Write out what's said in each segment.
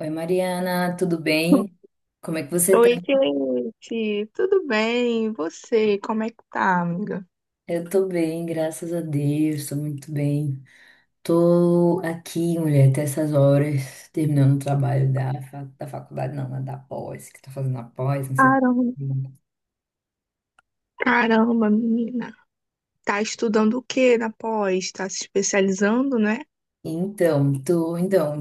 Oi, Mariana, tudo bem? Como é que você tá? Oi, Cleide, tudo bem? E você, como é que tá, amiga? Eu tô bem, graças a Deus, tô muito bem. Tô aqui, mulher, até essas horas, terminando o trabalho da, fa- da faculdade, não, né, da pós, que tá fazendo a pós, não sei. Caramba, caramba, menina. Tá estudando o que na pós? Tá se especializando, né? Então, tô, então,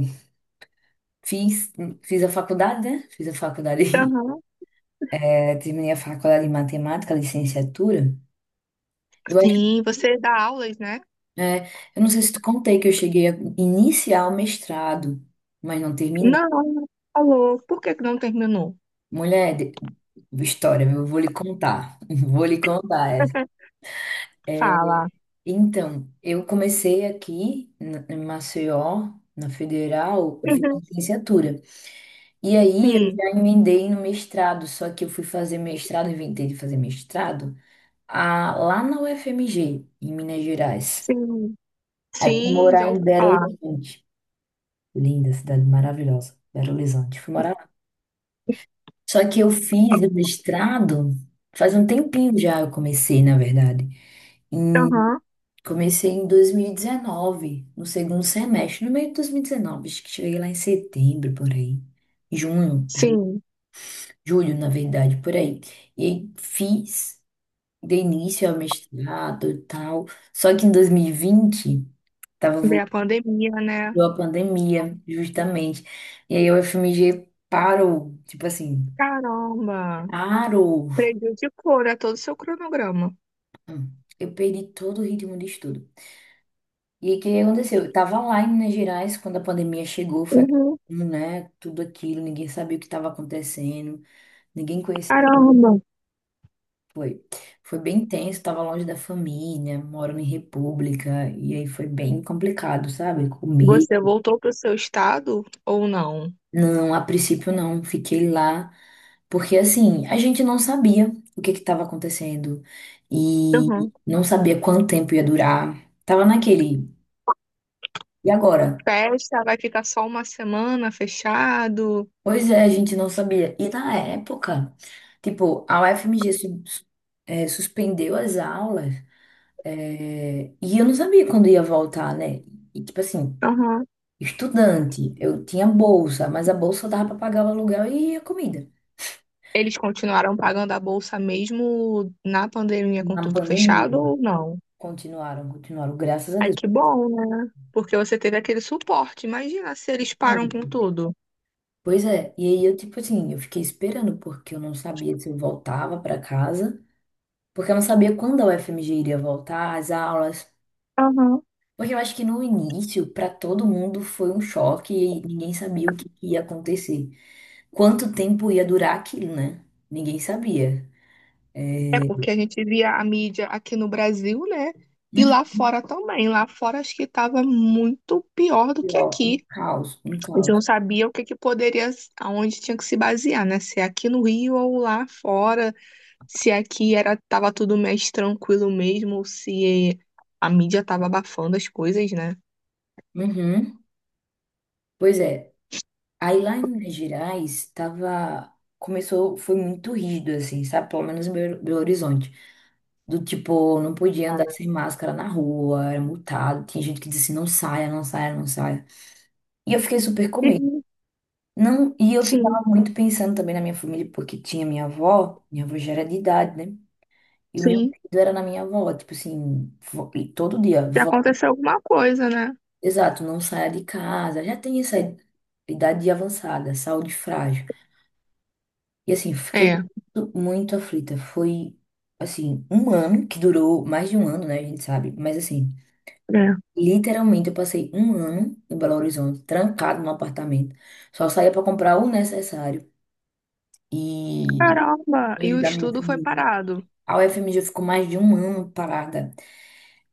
fiz, fiz a faculdade, né? Fiz a faculdade, Aham. é, terminei a faculdade de matemática, licenciatura. Eu acho, Sim, você dá aulas, né? é, eu não sei se te contei que eu cheguei a iniciar o mestrado, mas não terminei. Não, falou. Por que que não terminou? Mulher, de- história, eu vou lhe contar. Vou lhe contar. Essa. É, Fala. então, eu comecei aqui na- em Maceió, na Federal, eu fiz Uhum. licenciatura. E aí eu Sim, já emendei no mestrado, só que eu fui fazer mestrado, inventei de fazer mestrado, a- lá na UFMG, em Minas Gerais. sim. Aí fui Sim, morar já em ouvi Belo falar. Horizonte. Linda cidade maravilhosa, Belo Horizonte. Fui morar. Só que eu fiz o mestrado faz um tempinho já, eu comecei, na verdade. Em- Aham. comecei em 2019, no segundo semestre, no meio de 2019, acho que cheguei lá em setembro, por aí. Junho, ju- Sim, julho, na verdade, por aí. E aí fiz, dei início ao mestrado e tal. Só que em 2020, tava veio a voltando pandemia, né? a pandemia, justamente. E aí o FMG parou, tipo assim, Caramba, parou. prejudicou, né, todo o seu cronograma. Hum, Eu perdi todo o ritmo de estudo. E aí, o que aconteceu? Eu tava lá em Minas Gerais quando a pandemia chegou, foi, Uhum. aquilo, né, tudo aquilo, ninguém sabia o que estava acontecendo, ninguém conhecia. Caramba. Foi, foi bem tenso, tava longe da família, morando em república, e aí foi bem complicado, sabe? Comer. Você voltou para o seu estado ou não? Não, a princípio não, fiquei lá, porque assim, a gente não sabia o que que estava acontecendo e Aham. não sabia quanto tempo ia durar. Tava naquele, e agora? Festa, vai ficar só uma semana fechado? Pois é, a gente não sabia. E na época, tipo, a UFMG su- suspendeu as aulas, e eu não sabia quando ia voltar, né? E, tipo assim, Aham. estudante, eu tinha bolsa, mas a bolsa dava para pagar o aluguel e a comida. Eles continuaram pagando a bolsa mesmo na pandemia com Na tudo pandemia, fechado ou não? Continuaram, graças a Ai, Deus. que bom, né? Porque você teve aquele suporte. Imagina se eles param com tudo. Pois é, e aí eu, tipo assim, eu fiquei esperando, porque eu não sabia se eu voltava para casa, porque eu não sabia quando a UFMG iria voltar, as aulas. Aham. Porque eu acho que no início, para todo mundo, foi um choque e ninguém sabia o que ia acontecer. Quanto tempo ia durar aquilo, né? Ninguém sabia. É porque a gente via a mídia aqui no Brasil, né? E Uhum. lá fora também. Lá fora acho que estava muito pior do que Ó, um aqui. caos, um Eles não caos. sabiam o que que poderia, aonde tinha que se basear, né? Se é aqui no Rio ou lá fora, se aqui era tava tudo mais tranquilo mesmo, ou se a mídia tava abafando as coisas, né? Uhum. Pois é. Aí lá em Minas Gerais, tava... Começou, foi muito rígido, assim, sabe? Pelo menos em Belo Horizonte. Do tipo, não podia andar sem máscara na rua, era multado. Tinha gente que dizia assim, não saia, não saia, não saia. E eu fiquei super com medo. Sim, Não, e eu sim, ficava muito pensando também na minha família, porque tinha minha avó já era de idade, né? E o meu sim. medo era na minha avó, tipo assim, vó- e todo dia, Se vó, aconteceu alguma coisa, né? exato, não saia de casa, já tem essa idade avançada, saúde frágil. E assim, fiquei É, muito, muito aflita. Foi, assim, um ano, que durou mais de um ano, né? A gente sabe, mas assim, é. literalmente eu passei um ano em Belo Horizonte, trancado num apartamento, só saía para comprar o necessário. E Caramba, e longe o da minha estudo foi família. parado. A UFMG ficou mais de um ano parada.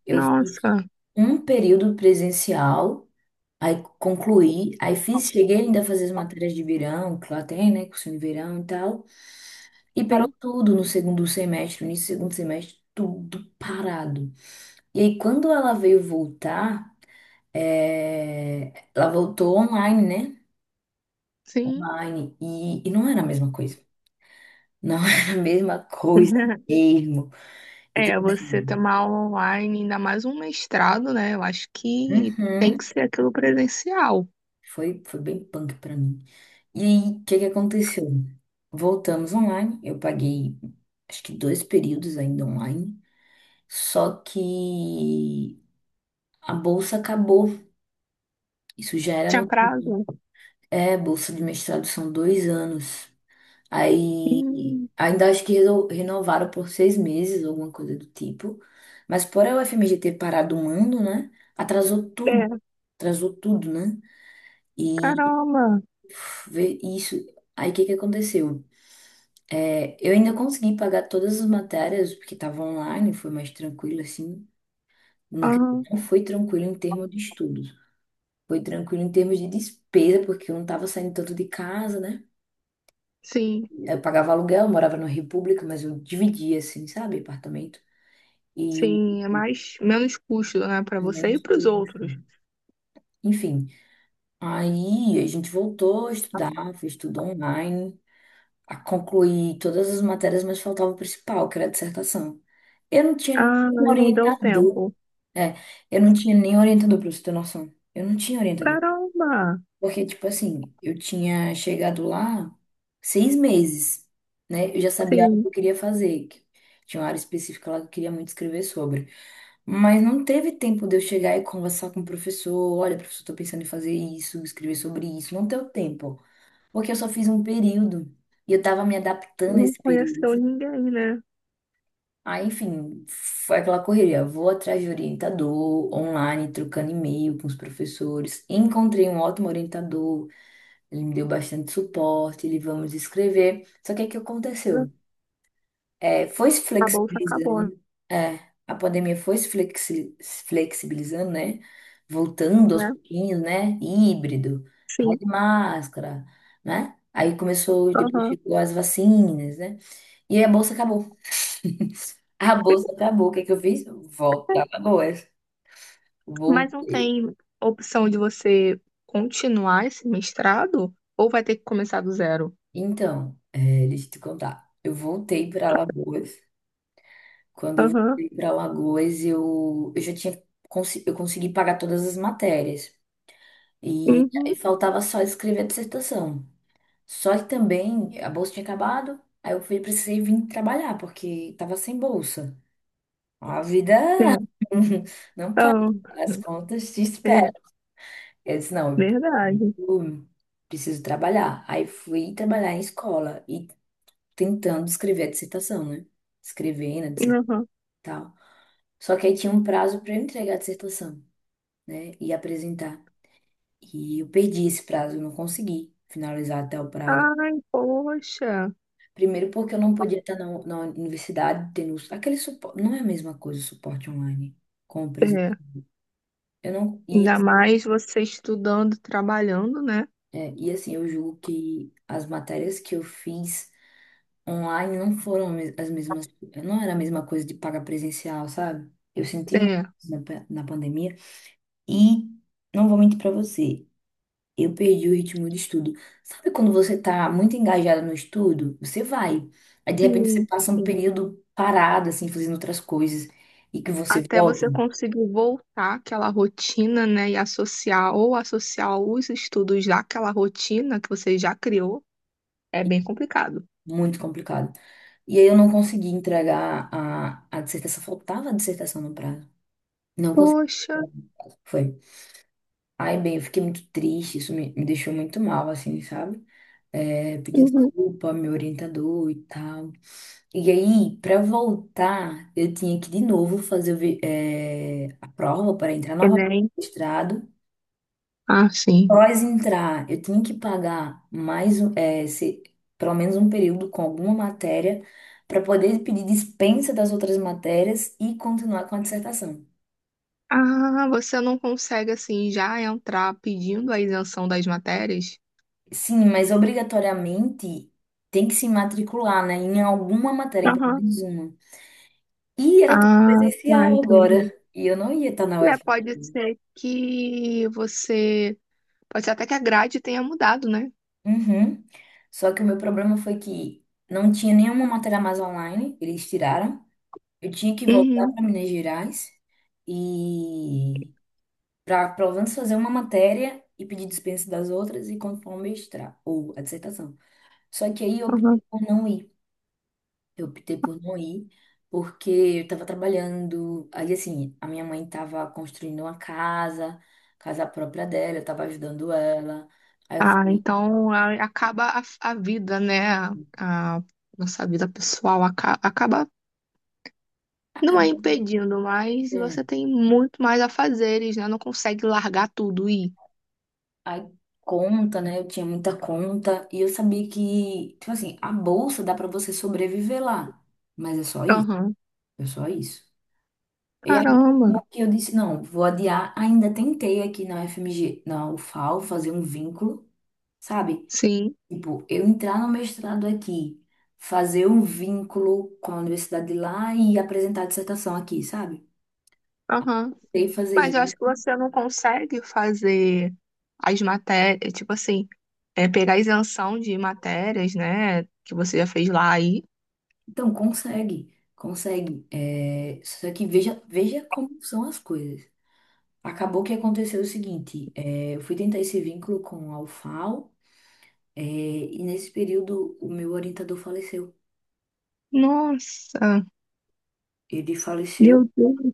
Eu fiz Nossa, um período presencial, aí concluí, aí fiz, cheguei ainda a fazer as matérias de verão, que lá tem, né, cursinho de verão e tal, e parou sim, tudo no segundo semestre, no início do segundo semestre, tudo parado. E aí, quando ela veio voltar, é, ela voltou online, né? sim. Online, e, não era a mesma coisa. Não era a mesma coisa mesmo. E É, tipo você ter assim, uma aula online, ainda mais um mestrado, né? Eu acho que tem que uhum. ser aquilo presencial. Foi bem punk pra mim. E aí, o que que aconteceu? Voltamos online, eu paguei acho que dois períodos ainda online, só que a bolsa acabou. Isso já era Tinha no. prazo? É, bolsa de mestrado são 2 anos. Aí Hum. ainda acho que reno- renovaram por 6 meses, alguma coisa do tipo. Mas por a UFMG ter parado um ano, né? Atrasou É, tudo. Atrasou tudo, né? E caramba. uf, vê isso. Aí o que que aconteceu? É, eu ainda consegui pagar todas as matérias, porque estava online, foi mais tranquilo, assim. Não Aham. não foi tranquilo em termos de estudos. Foi tranquilo em termos de despesa, porque eu não estava saindo tanto de casa, né? Sim, Eu pagava aluguel, eu morava na República, mas eu dividia, assim, sabe? Apartamento. E sim, é mais menos custo, né, para você e menos para os custo. outros. Enfim, aí a gente voltou a estudar, fez tudo online, a concluir todas as matérias, mas faltava o principal, que era a dissertação. Eu não tinha um Ah, não deu orientador. tempo. É, eu não tinha nem orientador, pra você ter noção. Eu não tinha orientador. Caramba. Porque, tipo assim, eu tinha chegado lá 6 meses, né? Eu já sabia o que Sim, eu queria fazer. Que tinha uma área específica lá que eu queria muito escrever sobre. Mas não teve tempo de eu chegar e conversar com o professor. Olha, professor, tô pensando em fazer isso, escrever sobre isso. Não deu tempo. Porque eu só fiz um período. E eu tava me adaptando a não esse período. conheceu ninguém, né? Aí, enfim, foi aquela correria. Vou atrás de orientador, online, trocando e-mail com os professores. Encontrei um ótimo orientador, ele me deu bastante suporte, ele vamos escrever. Só que o que aconteceu? É, foi se A bolsa acabou, flexibilizando, é, a pandemia foi se flexi- se flexibilizando, né? Voltando aos né? pouquinhos, né? Híbrido, vai Sim. de máscara, né? Aí começou, depois Aham. chegou as vacinas, né? E a bolsa acabou. A bolsa acabou. O que é que eu fiz? Volto para Alagoas. Vou... Mas não tem opção de você continuar esse mestrado ou vai ter que começar do zero? Então, é, deixa eu te contar. Eu voltei para Alagoas. Quando eu Aham. voltei para Alagoas, eu já tinha consi- eu consegui pagar todas as matérias. E aí Uhum. faltava só escrever a dissertação. Só que também a bolsa tinha acabado. Aí eu fui, precisei vir trabalhar, porque estava sem bolsa. A vida É. não para. Ah, As contas te esperam. é Eu disse, não, verdade. eu preciso trabalhar. Aí fui trabalhar em escola e tentando escrever a dissertação, né? Escrevendo a dissertação. Aham. E tal. Só que aí tinha um prazo para eu entregar a dissertação, né? E apresentar. E eu perdi esse prazo, eu não consegui finalizar até o prazo. Ai, poxa. Primeiro porque eu não podia estar na universidade tendo aquele suporte. Não é a mesma coisa o suporte online com o presencial. É. Eu não, e, Ainda assim, mais você estudando, trabalhando, né? é, e assim, eu julgo que as matérias que eu fiz online não foram me- as mesmas, não era a mesma coisa de pagar presencial, sabe? Eu senti muito É. na, pa- na pandemia e não vou mentir pra você, eu perdi o ritmo de estudo. Sabe quando você tá muito engajado no estudo, você vai. Aí de repente você Sim, passa um sim. período parado assim, fazendo outras coisas e que você Até volta, você conseguir voltar àquela rotina, né? E associar ou associar os estudos daquela rotina que você já criou, é bem complicado. muito complicado. E aí eu não consegui entregar a dissertação, faltava a dissertação no prazo. Não consegui. Poxa, Foi. Ai, bem, eu fiquei muito triste, isso me deixou muito mal, assim, sabe? É, pedi uhum. desculpa ao meu orientador e tal. E aí, pra voltar, eu tinha que de novo fazer o vi- é, a prova para entrar novamente Enem. no mestrado. Ah, sim. Após entrar, eu tinha que pagar mais, um- é, se- pelo menos um período com alguma matéria para poder pedir dispensa das outras matérias e continuar com a dissertação. Ah, você não consegue assim já entrar pedindo a isenção das matérias? Sim, mas obrigatoriamente tem que se matricular, né? Em alguma matéria, em pelo Aham. menos uma. E era tudo Ah, presencial tá, agora. entendi. E eu não ia estar na Né, UFRJ. Pode ser até que a grade tenha mudado, né? Uhum. Só que o meu problema foi que não tinha nenhuma matéria mais online, eles tiraram. Eu tinha que voltar Uhum, para Minas Gerais e para pelo menos fazer uma matéria e pedir dispensa das outras e conforme o mestrado ou a dissertação. Só que aí eu optei uhum. por não ir. Eu optei por não ir, porque eu estava trabalhando. Aí, assim, a minha mãe estava construindo uma casa, casa própria dela, eu estava ajudando ela. Aí eu Ah, falei, então acaba a vida, né? A nossa vida pessoal acaba, não é acabou. impedindo, mas Né? você tem muito mais a fazeres, né? Não consegue largar tudo e. Aí, conta, né? Eu tinha muita conta. E eu sabia que, tipo assim, a bolsa dá para você sobreviver lá. Mas é só isso, Aham. é só isso. E aí, Caramba. acabou que eu disse, não, vou adiar. Ainda tentei aqui na FMG, na UFAL, fazer um vínculo, sabe? Sim. Tipo, eu entrar no mestrado aqui, fazer um vínculo com a universidade de lá e apresentar a dissertação aqui, sabe? Aham. Tem que fazer Mas eu isso. acho que você não consegue fazer as matérias, tipo assim, é, pegar a isenção de matérias, né? Que você já fez lá aí. Então, consegue, consegue. É, só que veja, veja como são as coisas. Acabou que aconteceu o seguinte, é, eu fui tentar esse vínculo com a UFAL, é, e nesse período o meu orientador faleceu. Nossa, Ele faleceu, meu Deus.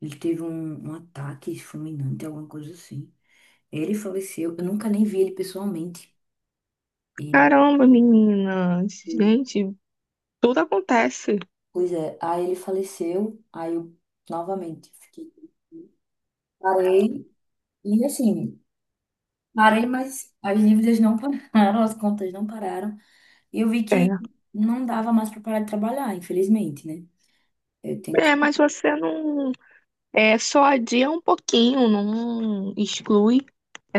ele teve um ataque fulminante, alguma coisa assim. Ele faleceu, eu nunca nem vi ele pessoalmente. Ele. Caramba, menina. Gente, tudo acontece. Pois é, aí ele faleceu, aí eu novamente fiquei. Parei, e assim, parei, mas as dívidas não pararam, as contas não pararam. E eu vi que É. não dava mais para parar de trabalhar, infelizmente, né? Eu tenho que. É, mas você não. É, só adia um pouquinho, não exclui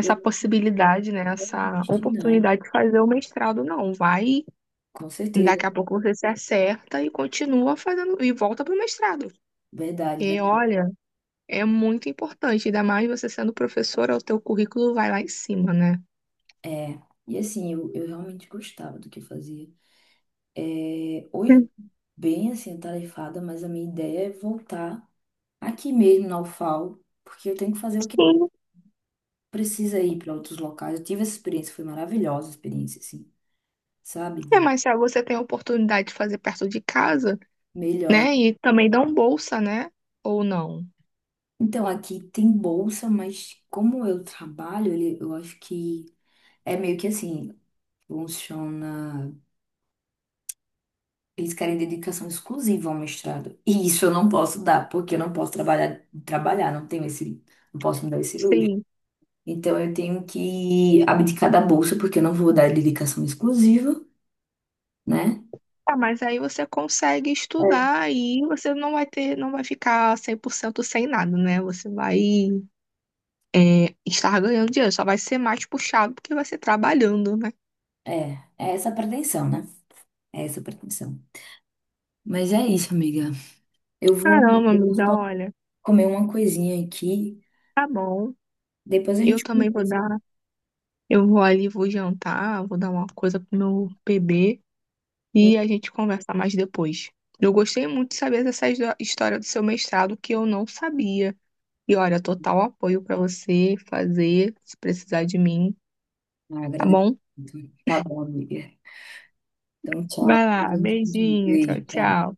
Eu não possibilidade, né? quero Essa desistir, não. oportunidade de fazer o mestrado, não. Vai, Com certeza, daqui a pouco você se acerta e continua fazendo, e volta pro mestrado. verdade, E verdade. olha, é muito importante, ainda mais você sendo professora, o teu currículo vai lá em cima, né? É, e assim, eu realmente gostava do que eu fazia. É, hoje, eu tô Hum. bem assim, atarefada, mas a minha ideia é voltar aqui mesmo na UFAL, porque eu tenho que fazer o que Sim. precisa ir para outros locais. Eu tive essa experiência, foi maravilhosa a experiência, assim, sabe? É, De mas se você tem a oportunidade de fazer perto de casa. melhor. Né? E também dão bolsa, né? Ou não? Então, aqui tem bolsa, mas como eu trabalho, ele- eu acho que é meio que assim, funciona. Eles querem dedicação exclusiva ao mestrado. E isso eu não posso dar, porque eu não posso trabalhar, não tenho esse, não posso me dar esse luxo. Sim. Então, eu tenho que abdicar da bolsa, porque eu não vou dar dedicação exclusiva, né? Ah, mas aí você consegue estudar e você não vai ter, não vai ficar 100% sem nada, né? Você vai é, estar ganhando dinheiro, só vai ser mais puxado porque vai ser trabalhando, né? É, é essa a pretensão, né? É essa a pretensão. Mas é isso, amiga. Eu vou, Caramba, eu vou amiga, só olha, comer uma coisinha aqui. tá bom. Depois a Eu gente continua. também vou dar, eu vou ali, vou jantar, vou dar uma coisa pro meu bebê e a gente conversa mais depois. Eu gostei muito de saber dessa história do seu mestrado que eu não sabia. E olha, total apoio pra você fazer, se precisar de mim, Ah, tá agradeço bom? muito. Tá bom, amiga. Então, tchau. Vai Depois lá, a gente continua. beijinho, tchau, Beijo, tchau. tchau.